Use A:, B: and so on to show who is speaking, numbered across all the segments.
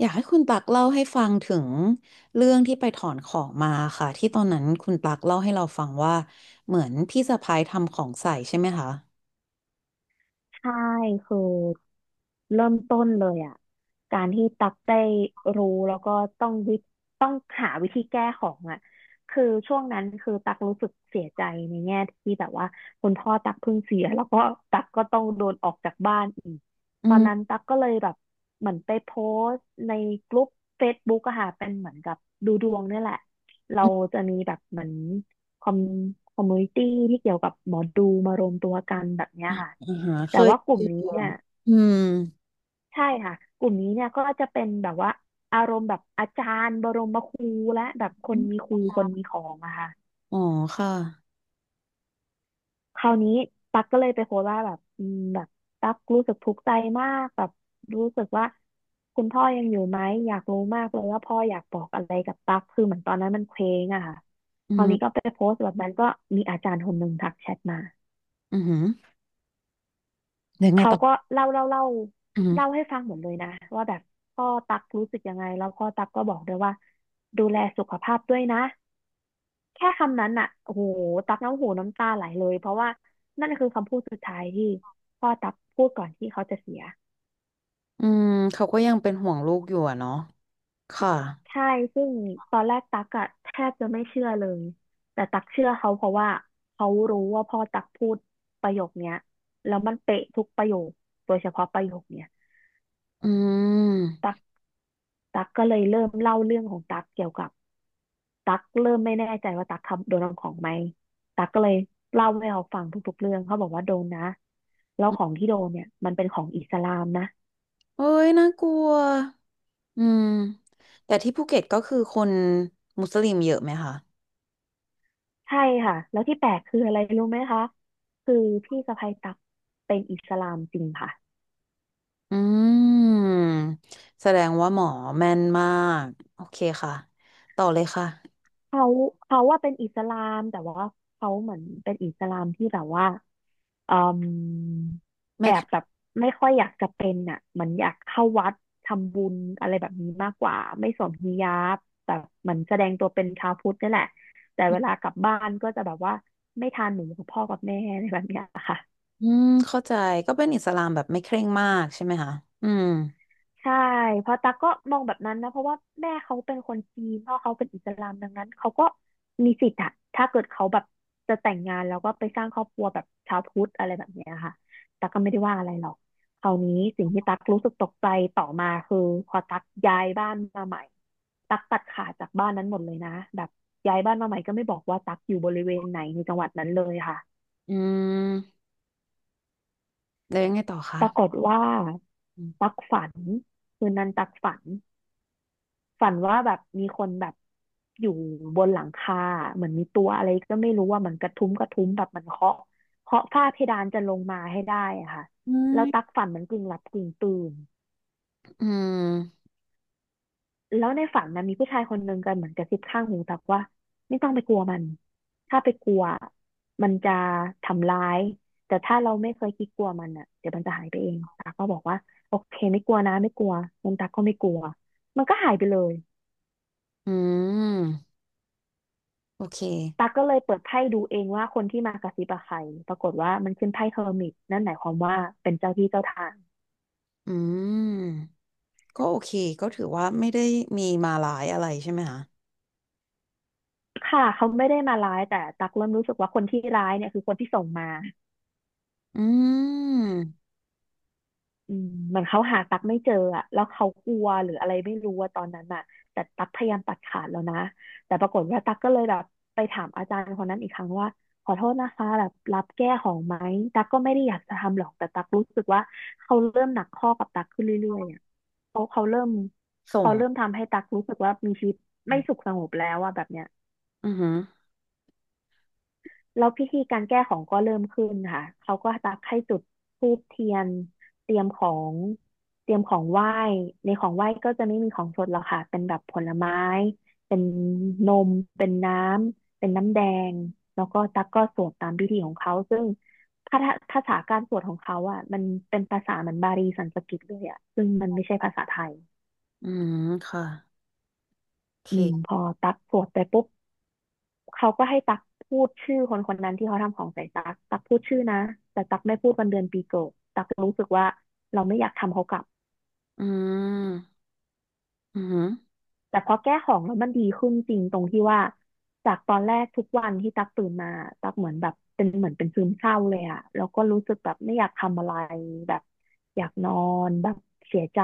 A: อยากให้คุณตักเล่าให้ฟังถึงเรื่องที่ไปถอนของมาค่ะที่ตอนนั้นคุณตักเล่าให้เราฟังว่าเหมือนพี่สะพ้ายทำของใส่ใช่ไหมคะ
B: ใช่คือเริ่มต้นเลยอ่ะการที่ตักได้รู้แล้วก็ต้องวิต้องหาวิธีแก้ของอ่ะคือช่วงนั้นคือตักรู้สึกเสียใจในแง่ที่แบบว่าคุณพ่อตักเพิ่งเสียแล้วก็ตักก็ต้องโดนออกจากบ้านอีก
A: อื
B: ตอนนั้น
A: ม
B: ตักก็เลยแบบเหมือนไปโพสต์ในกลุ่มเฟซบ b ๊กอะค่ะเป็นเหมือนกับดูดวงเนี่ยแหละ เรา
A: อืม
B: จะมีแบบเหมือนคอมคอมมูนิตี้ที่เกี่ยวกับหมอดูมารวมตัวกันแบบเนี้ยค่ะ
A: อ่าฮะเค
B: แต่
A: ย
B: ว่าก
A: เจ
B: ลุ่ม
A: อ
B: นี้
A: ขอ
B: เนี่
A: ง
B: ย
A: อืม
B: ใช่ค่ะกลุ่มนี้เนี่ยก็จะเป็นแบบว่าอารมณ์แบบอาจารย์บรมครูและแบบคนมีครูคนมีของอะค่ะ
A: อ๋อค่ะ
B: คราวนี้ตั๊กก็เลยไปโพสต์ว่าแบบแบบตั๊กรู้สึกทุกข์ใจมากแบบรู้สึกว่าคุณพ่อยังอยู่ไหมอยากรู้มากเลยว่าพ่ออยากบอกอะไรกับตั๊กคือเหมือนตอนนั้นมันเคว้งอะค่ะ
A: อื
B: คราวนี้ก็
A: ม
B: ไปโพสต์แบบนั้นก็มีอาจารย์คนหนึ่งทักแชทมา
A: อือหือเดี๋ยวไง
B: เขา
A: ต่อ
B: ก็เล่าเล่าเล่า
A: อือือ
B: เล่าให้ฟังหมดเลยนะว่าแบบพ่อตั๊กรู้สึกยังไงแล้วพ่อตั๊กก็บอกด้วยว่าดูแลสุขภาพด้วยนะ แค่คำนั้นอ่ะโอ้โหตักน้ำหูน้ำตาไหลเลยเพราะว่านั่นคือคำพูดสุดท้ายที่พ่อตักพูดก่อนที่เขาจะเสีย
A: อืมเขาก็ยังเป็นห่วงลูกอยู่อะเนาะค่ะ
B: ใช่ซึ่งตอนแรกตักอะแทบจะไม่เชื่อเลยแต่ตักเชื่อเขาเพราะว่าเขารู้ว่าพ่อตักพูดประโยคเนี้ยแล้วมันเป๊ะทุกประโยคโดยเฉพาะประโยคเนี้ย
A: อืม
B: ตัก ตั๊กก็เลยเริ่มเล่าเรื่องของตั๊กเกี่ยวกับตั๊กเริ่มไม่แน่ใจว่าตั๊กทำโดนเอาของไหมตั๊กก็เลยเล่าให้เขาฟังทุกๆเรื่องเขาบอกว่าโดนนะแล้วของที่โดนเนี่ยมันเป็นของอิสลามนะ
A: เอ้ยน่ากลัวอืมแต่ที่ภูเก็ตก็คือคนมุสลิมเยอะไหมคะ
B: ใช่ค่ะแล้วที่แปลกคืออะไรรู้ไหมคะคือพี่สะใภ้ตั๊กเป็นอิสลามจริงค่ะ
A: อืมแสดงว่าหมอแม่นมากโอเคค่ะต่อเลยค่ะ
B: เขาเขาว่าเป็นอิสลามแต่ว่าเขาเหมือนเป็นอิสลามที่แบบว่าอืม
A: ไม่
B: แอบแบบไม่ค่อยอยากจะเป็นอ่ะเหมือนอยากเข้าวัดทำบุญอะไรแบบนี้มากกว่าไม่สวมฮิญาบแบบเหมือนแสดงตัวเป็นชาวพุทธนี่แหละแต่เวลากลับบ้านก็จะแบบว่าไม่ทานหมูกับพ่อกับแม่อะไรแบบเนี้ยค่ะ
A: อืมเข้าใจก็เป็นอิสลามแบบไม่เคร่งมากใช่ไหมคะอืม
B: ใช่เพราะตั๊กก็มองแบบนั้นนะเพราะว่าแม่เขาเป็นคนจีนพ่อเขาเป็นอิสลามดังนั้นเขาก็มีสิทธิ์อะถ้าเกิดเขาแบบจะแต่งงานแล้วก็ไปสร้างครอบครัวแบบชาวพุทธอะไรแบบเนี้ยค่ะตั๊กก็ไม่ได้ว่าอะไรหรอกคราวนี้สิ่งที่ตั๊กรู้สึกตกใจต่อมาคือพอตั๊กย้ายบ้านมาใหม่ตั๊กตัดขาดจากบ้านนั้นหมดเลยนะแบบย้ายบ้านมาใหม่ก็ไม่บอกว่าตั๊กอยู่บริเวณไหนในจังหวัดนั้นเลยค่ะ
A: อืมแล้วยังไงต่อคะ
B: ปรากฏว่าตัก
A: อ
B: ฝันคืนนั้นตักฝัน ว่าแบบมีคนแบบอยู่บนหลังคาเหมือนมีตัวอะไรก็ไม่รู้ว่ามันกระทุ้มกระทุ้มแบบมันเคาะเคาะฝ้าเพดานจะลงมาให้ได้อะค่ะ
A: ื
B: แล้วตัก
A: ม
B: ฝันเหมันกึ่งหลับกึ่งตื่น
A: อืม
B: แล้วในฝันนะมีผู้ชายคนหนึ่งกันเหมือนกระซิบข้างหูตักว่าไม่ต้องไปกลัวมันถ้าไปกลัวมันจะทำร้ายแต่ถ้าเราไม่เคยคิดกลัวมันอ่ะเดี๋ยวมันจะหายไปเองตาก็บอกว่าโอเคไม่กลัวนะไม่กลัวงั้นตาก็ไม่กลัวมันก็หายไปเลย
A: อืมโอเค
B: ตั๊กก็เลยเปิดไพ่ดูเองว่าคนที่มากระซิบอะใครปรากฏว่ามันขึ้นไพ่เฮอร์มิตนั่นหมายความว่าเป็นเจ้าที่เจ้าทาง
A: อืมก็โอเคก็ถือว่าไม่ได้มีมาลายอะไรใช่ไหมคะ
B: ค่ะเขาไม่ได้มาร้ายแต่ตั๊กเริ่มรู้สึกว่าคนที่ร้ายเนี่ยคือคนที่ส่งมา
A: อืม
B: อืมเหมือนเขาหาตั๊กไม่เจออะแล้วเขากลัวหรืออะไรไม่รู้ว่าตอนนั้นอะแต่ตั๊กพยายามตัดขาดแล้วนะแต่ปรากฏว่าตั๊กก็เลยแบบไปถามอาจารย์คนนั้นอีกครั้งว่าขอโทษนะคะแบบรับแก้ของไหมตั๊กก็ไม่ได้อยากจะทำหรอกแต่ตั๊กรู้สึกว่าเขาเริ่มหนักข้อกับตั๊กขึ้นเรื่อยๆอะ เขา
A: ส่ง
B: เขาเริ่มทำให้ตักรู้สึกว่ามีชีวิตไม่สุขสงบแล้วอะแบบเนี้ย
A: อือหือ
B: แล้วพิธีการแก้ของก็เริ่มขึ้นค่ะเขาก็ตักให้จุดธูปเทียนเตรียมของเตรียมของไหว้ในของไหว้ก็จะไม่มีของสดหรอกค่ะเป็นแบบผลไม้เป็นนมเป็นน้ำเป็นน้ำแดงแล้วก็ตักก็สวดตามพิธีของเขาซึ่งภาษาการสวดของเขาอะมันเป็นภาษาเหมือนบาลีสันสกฤตเลยอะซึ่งมันไม่ใช่ภาษาไทย
A: อืมค่ะโอ
B: อืม
A: เค
B: พอตักสวดไปปุ๊บ เขาก็ให้ตักพูดชื่อคนคนนั้นที่เขาทำของใส่ตักตักพูดชื่อนะแต่ตักไม่พูดวันเดือนปีเกิดตักรู้สึกว่าเราไม่อยากทำเขากลับ
A: อืมอือหือ
B: แต่พอแก้ของแล้วมันดีขึ้นจริงตรงที่ว่าจากตอนแรกทุกวันที่ตักตื่นมาตักเหมือนแบบเป็นเหมือนเป็นซึมเศร้าเลยอะแล้วก็รู้สึกแบบไม่อยากทำอะไรแบบอยากนอนแบบเสียใจ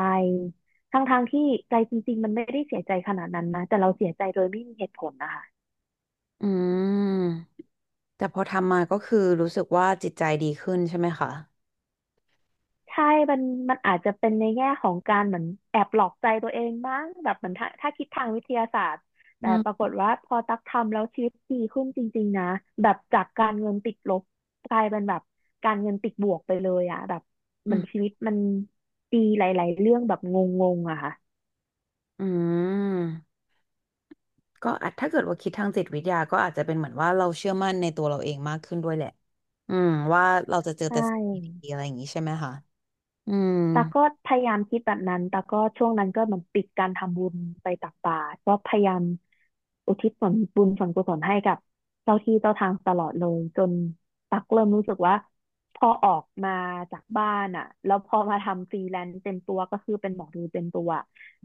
B: ทั้งๆที่ใจจริงๆมันไม่ได้เสียใจขนาดนั้นนะแต่เราเสียใจโดยไม่มีเหตุผลนะคะ
A: อืมแต่พอทำมาก็คือรู้สึกว่าจิตใจดีขึ้นใช่ไหมคะ
B: ใช่มันมันอาจจะเป็นในแง่ของการเหมือนแอบหลอกใจตัวเองบ้างแบบเหมือนถ้าคิดทางวิทยาศาสตร์
A: อื
B: แต่ปราก
A: ม
B: ฏว่าพอตักทำแล้วชีวิตดีขึ้นจริงๆนะแบบจากการเงินติดลบกลายเป็นแบบการเงินติดบวกไปเลยอะแบบเห
A: อื
B: มือ
A: ม
B: นชีวิตมันดีหลายๆเรื่องแบบงงๆอะค่ะ
A: อืมก็อาจถ้าเกิดว่าคิดทางจิตวิทยาก็อาจจะเป็นเหมือนว่าเราเชื่อมั่นในตัวเราเองมากขึ้นด้วยแหละอืมว่าเราจะเจอ
B: ใช
A: แต่สิ่ง
B: ่
A: ดีๆอะไรอย่างนี้ใช่ไหมคะอืม
B: ตาก็พยายามคิดแบบนั้นตาก็ช่วงนั้นก็เหมือนปิดการทำบุญไปตักบาตรก็พยายามอุทิศส่วนบุญส่วนกุศลให้กับเจ้าที่เจ้าทางตลอดเลยจนตักเริ่มรู้สึกว่าพอออกมาจากบ้านอ่ะแล้วพอมาทำฟรีแลนซ์เต็มตัวก็คือเป็นหมอดูเต็มตัว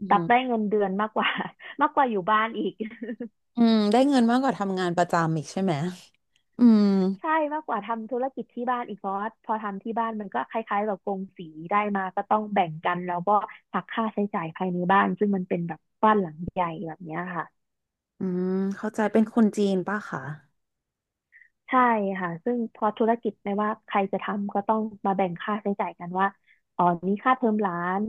A: อื
B: ตัก
A: ม
B: ได้เงินเดือนมากกว่า มากกว่าอยู่บ้านอีก
A: อืมได้เงินมากกว่าทำงานประจำอีกใช่ไหมอืม
B: ใช่มากกว่าทำธุรกิจที่บ้านอีกเพราะว่าพอทำที่บ้านมันก็คล้ายๆแบบกงสีได้มาก็ต้องแบ่งกันแล้วก็หักค่าใช้จ่ายภายในบ้านซึ่งมันเป็นแบบบ้านหลังใหญ่แบบเนี้ยค่ะ
A: อืมเข้าใจเป็นคนจีนป่ะคะ
B: ใช่ค่ะซึ่งพอธุรกิจไม่ว่าใครจะทำก็ต้องมาแบ่งค่าใช้จ่ายกันว่าอ๋อนี้ค่าเทอมหลาน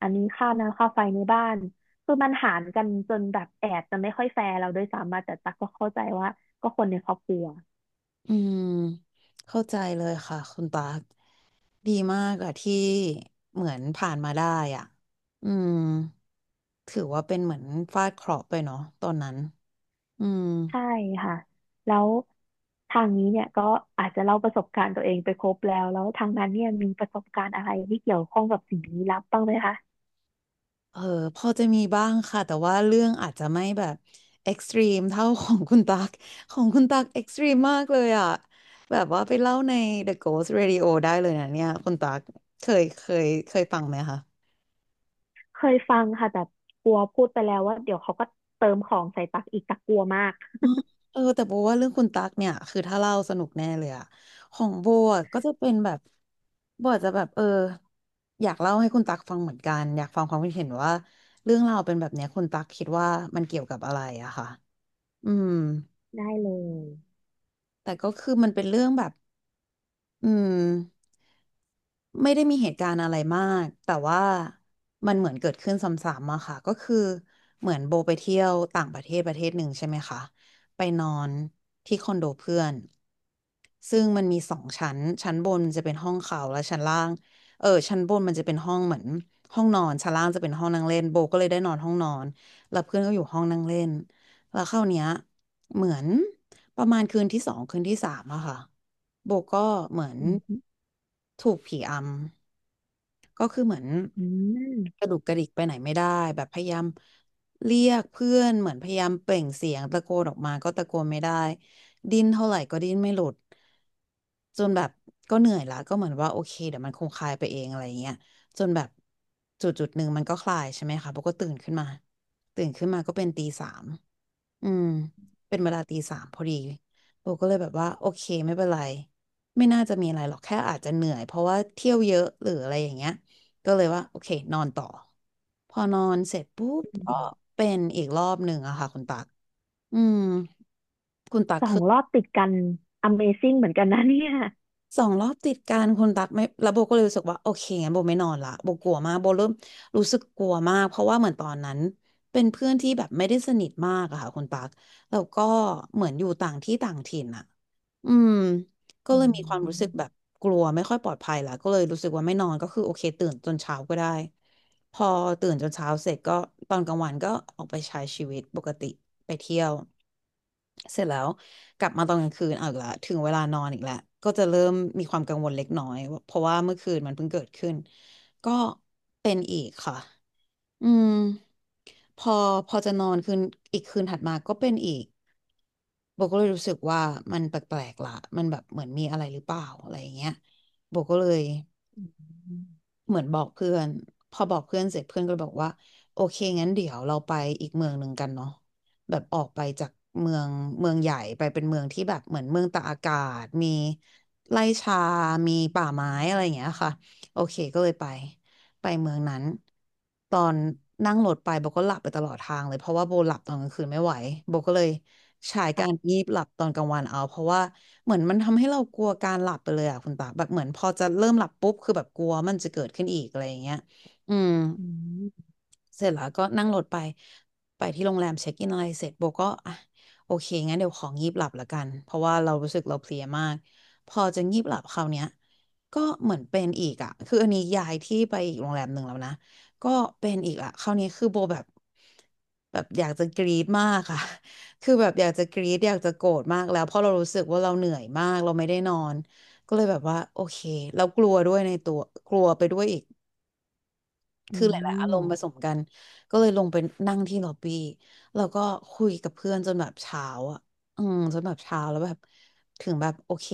B: อันนี้ค่าน้ำค่าไฟในบ้านคือมันหารกันจนแบบแอบจะไม่ค่อยแฟร์เราด้วยซ้ำมาแต่ตักก็เข้าใจว่าก็คนในครอบครัว
A: อืมเข้าใจเลยค่ะคุณตา ดีมากอะที่เหมือนผ่านมาได้อ่ะ อืม ถือว่าเป็นเหมือนฟาดเคราะห์ไปเนาะตอนนั้นอืม
B: ใช่ค่ะแล้วทางนี้เนี่ยก็อาจจะเล่าประสบการณ์ตัวเองไปครบแล้วแล้วทางนั้นเนี่ยมีประสบการณ์อะไรที่เกี่ยวข้องกับสิ่งลี้ลับบ้างไหมคะ
A: เออพอจะมีบ้างค่ะแต่ว่าเรื่องอาจจะไม่แบบเอ็กซ์ตรีมเท่าของคุณตัก ของคุณตักเอ็กซ์ตรีมมากเลยอ่ะแบบว่าไปเล่าใน The Ghost Radio ได้เลยนะเนี่ยคุณตักเคยเคยเคยฟังไหมคะ
B: เคยฟังค่ะแต่กลัวพูดไปแล้วว่าเดี๋ยวเขาก็เติมของใส่ตักอีกตักกลัวมาก
A: อ๋อเออแต่โบว่าเรื่องคุณตั๊กเนี่ยคือถ้าเล่าสนุกแน่เลยอะของโบอะก็จะเป็นแบบโบอาจจะแบบอยากเล่าให้คุณตั๊กฟังเหมือนกันอยากฟังความคิดเห็นว่าเรื่องราวเป็นแบบเนี้ยคุณตั๊กคิดว่ามันเกี่ยวกับอะไรอะค่ะอืม
B: ได้เลย
A: แต่ก็คือมันเป็นเรื่องแบบอืม ไม่ได้มีเหตุการณ์อะไรมากแต่ว่ามันเหมือนเกิดขึ้นซ้ำๆอะค่ะก็คือเหมือนโบไปเที่ยวต่างประเทศประเทศหนึ่งใช่ไหมคะไปนอนที่คอนโดเพื่อนซึ่งมันมีสองชั้นชั้นบนจะเป็นห้องเขาและชั้นล่างชั้นบนมันจะเป็นห้องเหมือนห้องนอนชั้นล่างจะเป็นห้องนั่งเล่นโบก็เลยได้นอนห้องนอนแล้วเพื่อนก็อยู่ห้องนั่งเล่นแล้วคราวเนี้ย เหมือนประมาณคืนที่สองคืนที่สามอะค่ะโบก็เหมือน
B: อืม
A: ถูกผีอำก็คือเหมือน
B: อืม
A: กระดุกกระดิกไปไหนไม่ได้แบบพยายามเรียกเพื่อนเหมือนพยายามเปล่งเสียงตะโกนออกมาก็ตะโกนไม่ได้ดิ้นเท่าไหร่ก็ดิ้นไม่หลุดจนแบบก็เหนื่อยละก็เหมือนว่าโอเคเดี๋ยวมันคงคลายไปเองอะไรเงี้ยจนแบบจุดจุดหนึ่งมันก็คลายใช่ไหมคะโบก็ตื่นขึ้นมาตื่นขึ้นมาก็เป็นตีสาม อืมเป็นเวลาตีสามพอดีโบก็เลยแบบว่าโอเคไม่เป็นไรไม่น่าจะมีอะไรหรอกแค่อาจจะเหนื่อยเพราะว่าเที่ยวเยอะหรืออะไรอย่างเงี้ยก็เลยว่าโอเคนอนต่อพอนอนเสร็จปุ๊บก็เป็นอีกรอบหนึ่งอะค่ะคุณตักอืมคุณตัก
B: สอง
A: คือ
B: รอบติดกัน Amazing เหมือนกันนะเนี่ย
A: สองรอบติดกันคุณตักไม่แล้วโบก็เลยรู้สึกว่าโอเคงั้นโบไม่นอนละโบกลัวมากโบเริ่มรู้สึกกลัวมากเพราะว่าเหมือนตอนนั้นเป็นเพื่อนที่แบบไม่ได้สนิทมากอะค่ะคุณตักแล้วก็เหมือนอยู่ต่างที่ต่างถิ่นอะ อืมก็
B: อื
A: เลยมีความรู้
B: ม
A: สึกแบบกลัวไม่ค่อยปลอดภัยละก็เลยรู้สึกว่าไม่นอนก็คือโอเคตื่นจนเช้าก็ได้พอตื่นจนเช้าเสร็จก็ตอนกลางวันก็ออกไปใช้ชีวิตปกติไปเที่ยวเสร็จแล้วกลับมาตอนกลางคืนเอาอีกละถึงเวลานอนอีกแล้วก็จะเริ่มมีความกังวลเล็กน้อยเพราะว่าเมื่อคืนมันเพิ่งเกิดขึ้นก็เป็นอีกค่ะ อืมพอพอจะนอนคืนอีกคืนถัดมาก็เป็นอีกโบก็เลยรู้สึกว่ามันแปลกๆละมันแบบเหมือนมีอะไรหรือเปล่าอะไรอย่างเงี้ยโบก็เลย เหมือนบอกเพื่อนพอบอกเพื่อนเสร็จเพื่อนก็เลยบอกว่าโอเคงั้นเดี๋ยวเราไปอีกเมืองหนึ่งกันเนาะแบบออกไปจากเมืองเมืองใหญ่ไปเป็นเมืองที่แบบเหมือนเมืองตากอากาศมีไร่ชามีป่าไม้อะไรอย่างเงี้ยค่ะโอเคก็เลยไปเมืองนั้นตอนนั่งรถไปโบก็หลับไปตลอดทางเลยเพราะว่าโบหลับตอนกลางคืนไม่ไหวโบก็เลยใช้การ
B: ค่ะ
A: งีบหลับตอนกลางวันเอาเพราะว่า เหมือนมันทำให้เรากลัวการหลับไปเลยอ่ะคุณตาแบบเหมือนพอจะเริ่มหลับปุ๊บคือแบบกลัวมันจะเกิดขึ้นอีกอะไรอย่างเงี้ยอืม
B: อืม
A: เสร็จแล้วก็นั่งรถไปที่โรงแรมเช็คอินอะไรเสร็จโบก็อ่ะโอเคงั้นเดี๋ยวของงีบหลับละกันเพราะว่าเรารู้สึกเราเพลียมากพอจะงีบหลับคราวเนี้ยเหมือนเป็นอีกอ่ะคืออันนี้ย้ายที่ไปอีกโรงแรมหนึ่งแล้วนะก็เป็นอีกอ่ะคราวนี้คือโบแบบอยากจะกรี๊ดมากค่ะ คือแบบอยากจะกรี๊ดอยากจะโกรธมากแล้วเพราะเรารู้สึกว่าเราเหนื่อยมากเราไม่ได้นอนก็เลยแบบว่าโอเคเรากลัวด้วยในตัวกลัวไปด้วยอีก
B: อื
A: คือหลายๆอารมณ์ผส
B: ม
A: มกันก็เลยลงไปนั่งที่ล็อบบี้แล้วก็คุยกับเพื่อนจนแบบเช้าอ่ะอืมจนแบบเช้าแล้วแบบถึงแบบโอเค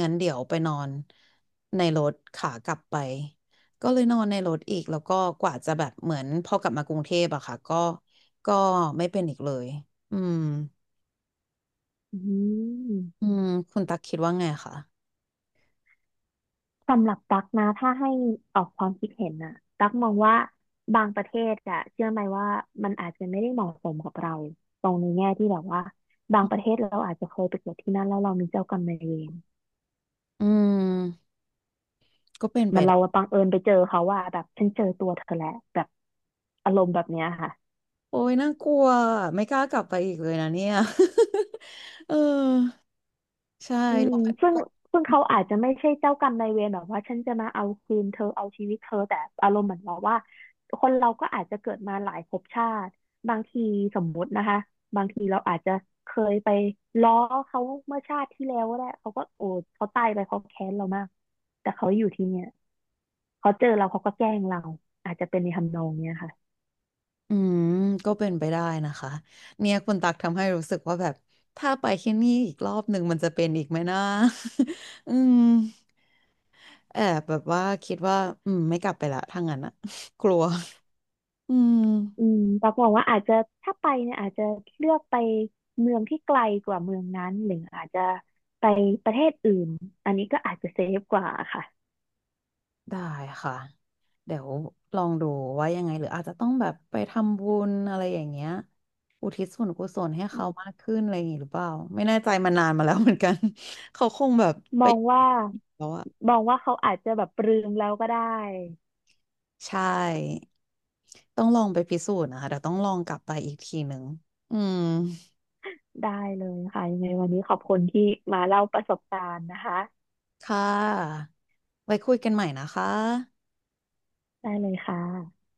A: งั้นเดี๋ยวไปนอนในรถขากลับไปก็เลยนอนในรถอีกแล้วก็กว่าจะแบบเหมือนพอกลับมากรุงเทพอะค่ะก็ไม่เป็นอีกเลยอืม
B: อื
A: อื
B: ม
A: มคุณตักคิดว่าไงคะ
B: สำหรับตั๊กนะถ้าให้ออกความคิดเห็นนะตั๊กมองว่าบางประเทศอะเชื่อไหมว่ามันอาจจะไม่ได้เหมาะสมกับเราตรงในแง่ที่แบบว่าบางประเทศเราอาจจะเคยไปเกิดที่นั่นแล้วเรามีเจ้ากรรมนายเวร
A: อืมก็เป็นไป
B: มันเรา
A: ได้
B: บังเอิญไปเจอเขาว่าแบบฉันเจอตัวเธอแหละแบบอารมณ์แบบเนี้ยค่ะ
A: โอ้ยน่ากลัวไม่กล้ากลับไปอีกเลยนะเนี่ย เออใช่
B: อืมซึ่งซึ่งเขาอาจจะไม่ใช่เจ้ากรรมนายเวรแบบว่าฉันจะมาเอาคืนเธอเอาชีวิตเธอแต่อารมณ์เหมือนบอกว่าคนเราก็อาจจะเกิดมาหลายภพชาติบางทีสมมุตินะคะบางทีเราอาจจะเคยไปล้อเขาเมื่อชาติที่แล้วก็ได้เขาก็โอ้เขาตายไปเขาแค้นเรามากแต่เขาอยู่ที่เนี่ยเขาเจอเราเขาก็แกล้งเราอาจจะเป็นในทำนองเนี้ยค่ะ
A: อืมก็เป็นไปได้นะคะเนี่ยคุณตักทำให้รู้สึกว่าแบบถ้าไปที่นี่อีกรอบหนึ่งมันจะเป็นอีกไหมนะ อืมแอบแบบว่าคิดว่าอืมไม่กลับไปละถ้างั้นอะ กลัวอื
B: อื
A: ม
B: มตักมองว่าอาจจะถ้าไปเนี่ยอาจจะเลือกไปเมืองที่ไกลกว่าเมืองนั้นหรืออาจจะไปประเทศอื่นอันนี้ก็อาจจะเซฟกว่าค่ะ
A: ได้ค่ะเดี๋ยวลองดูว่ายังไงหรืออาจจะต้องแบบไปทำบุญอะไรอย่างเงี้ยอุทิศส่วนกุศลให้เขามากขึ้นอะไรอย่างงี้หรือเปล่าไม่แน่ใจมานานมาแล้วเหมือนกัน เขาคงแบบ
B: ม
A: ไป
B: องว่า
A: แล้วอะ
B: มองว่าเขาอาจจะแบบปรืมแล้วก็ได้
A: ใช่ต้องลองไปพิสูจน์นะคะเดี๋ยวต้องลองกลับไปอีกทีหนึ่งอืม
B: ได้เลยค่ะยังไงวันนี้ขอบคุณที่มาเล่าประสบการณ์นะคะ
A: ค่ะไว้คุยกันใหม่นะคะ
B: ได้เลยค่ะ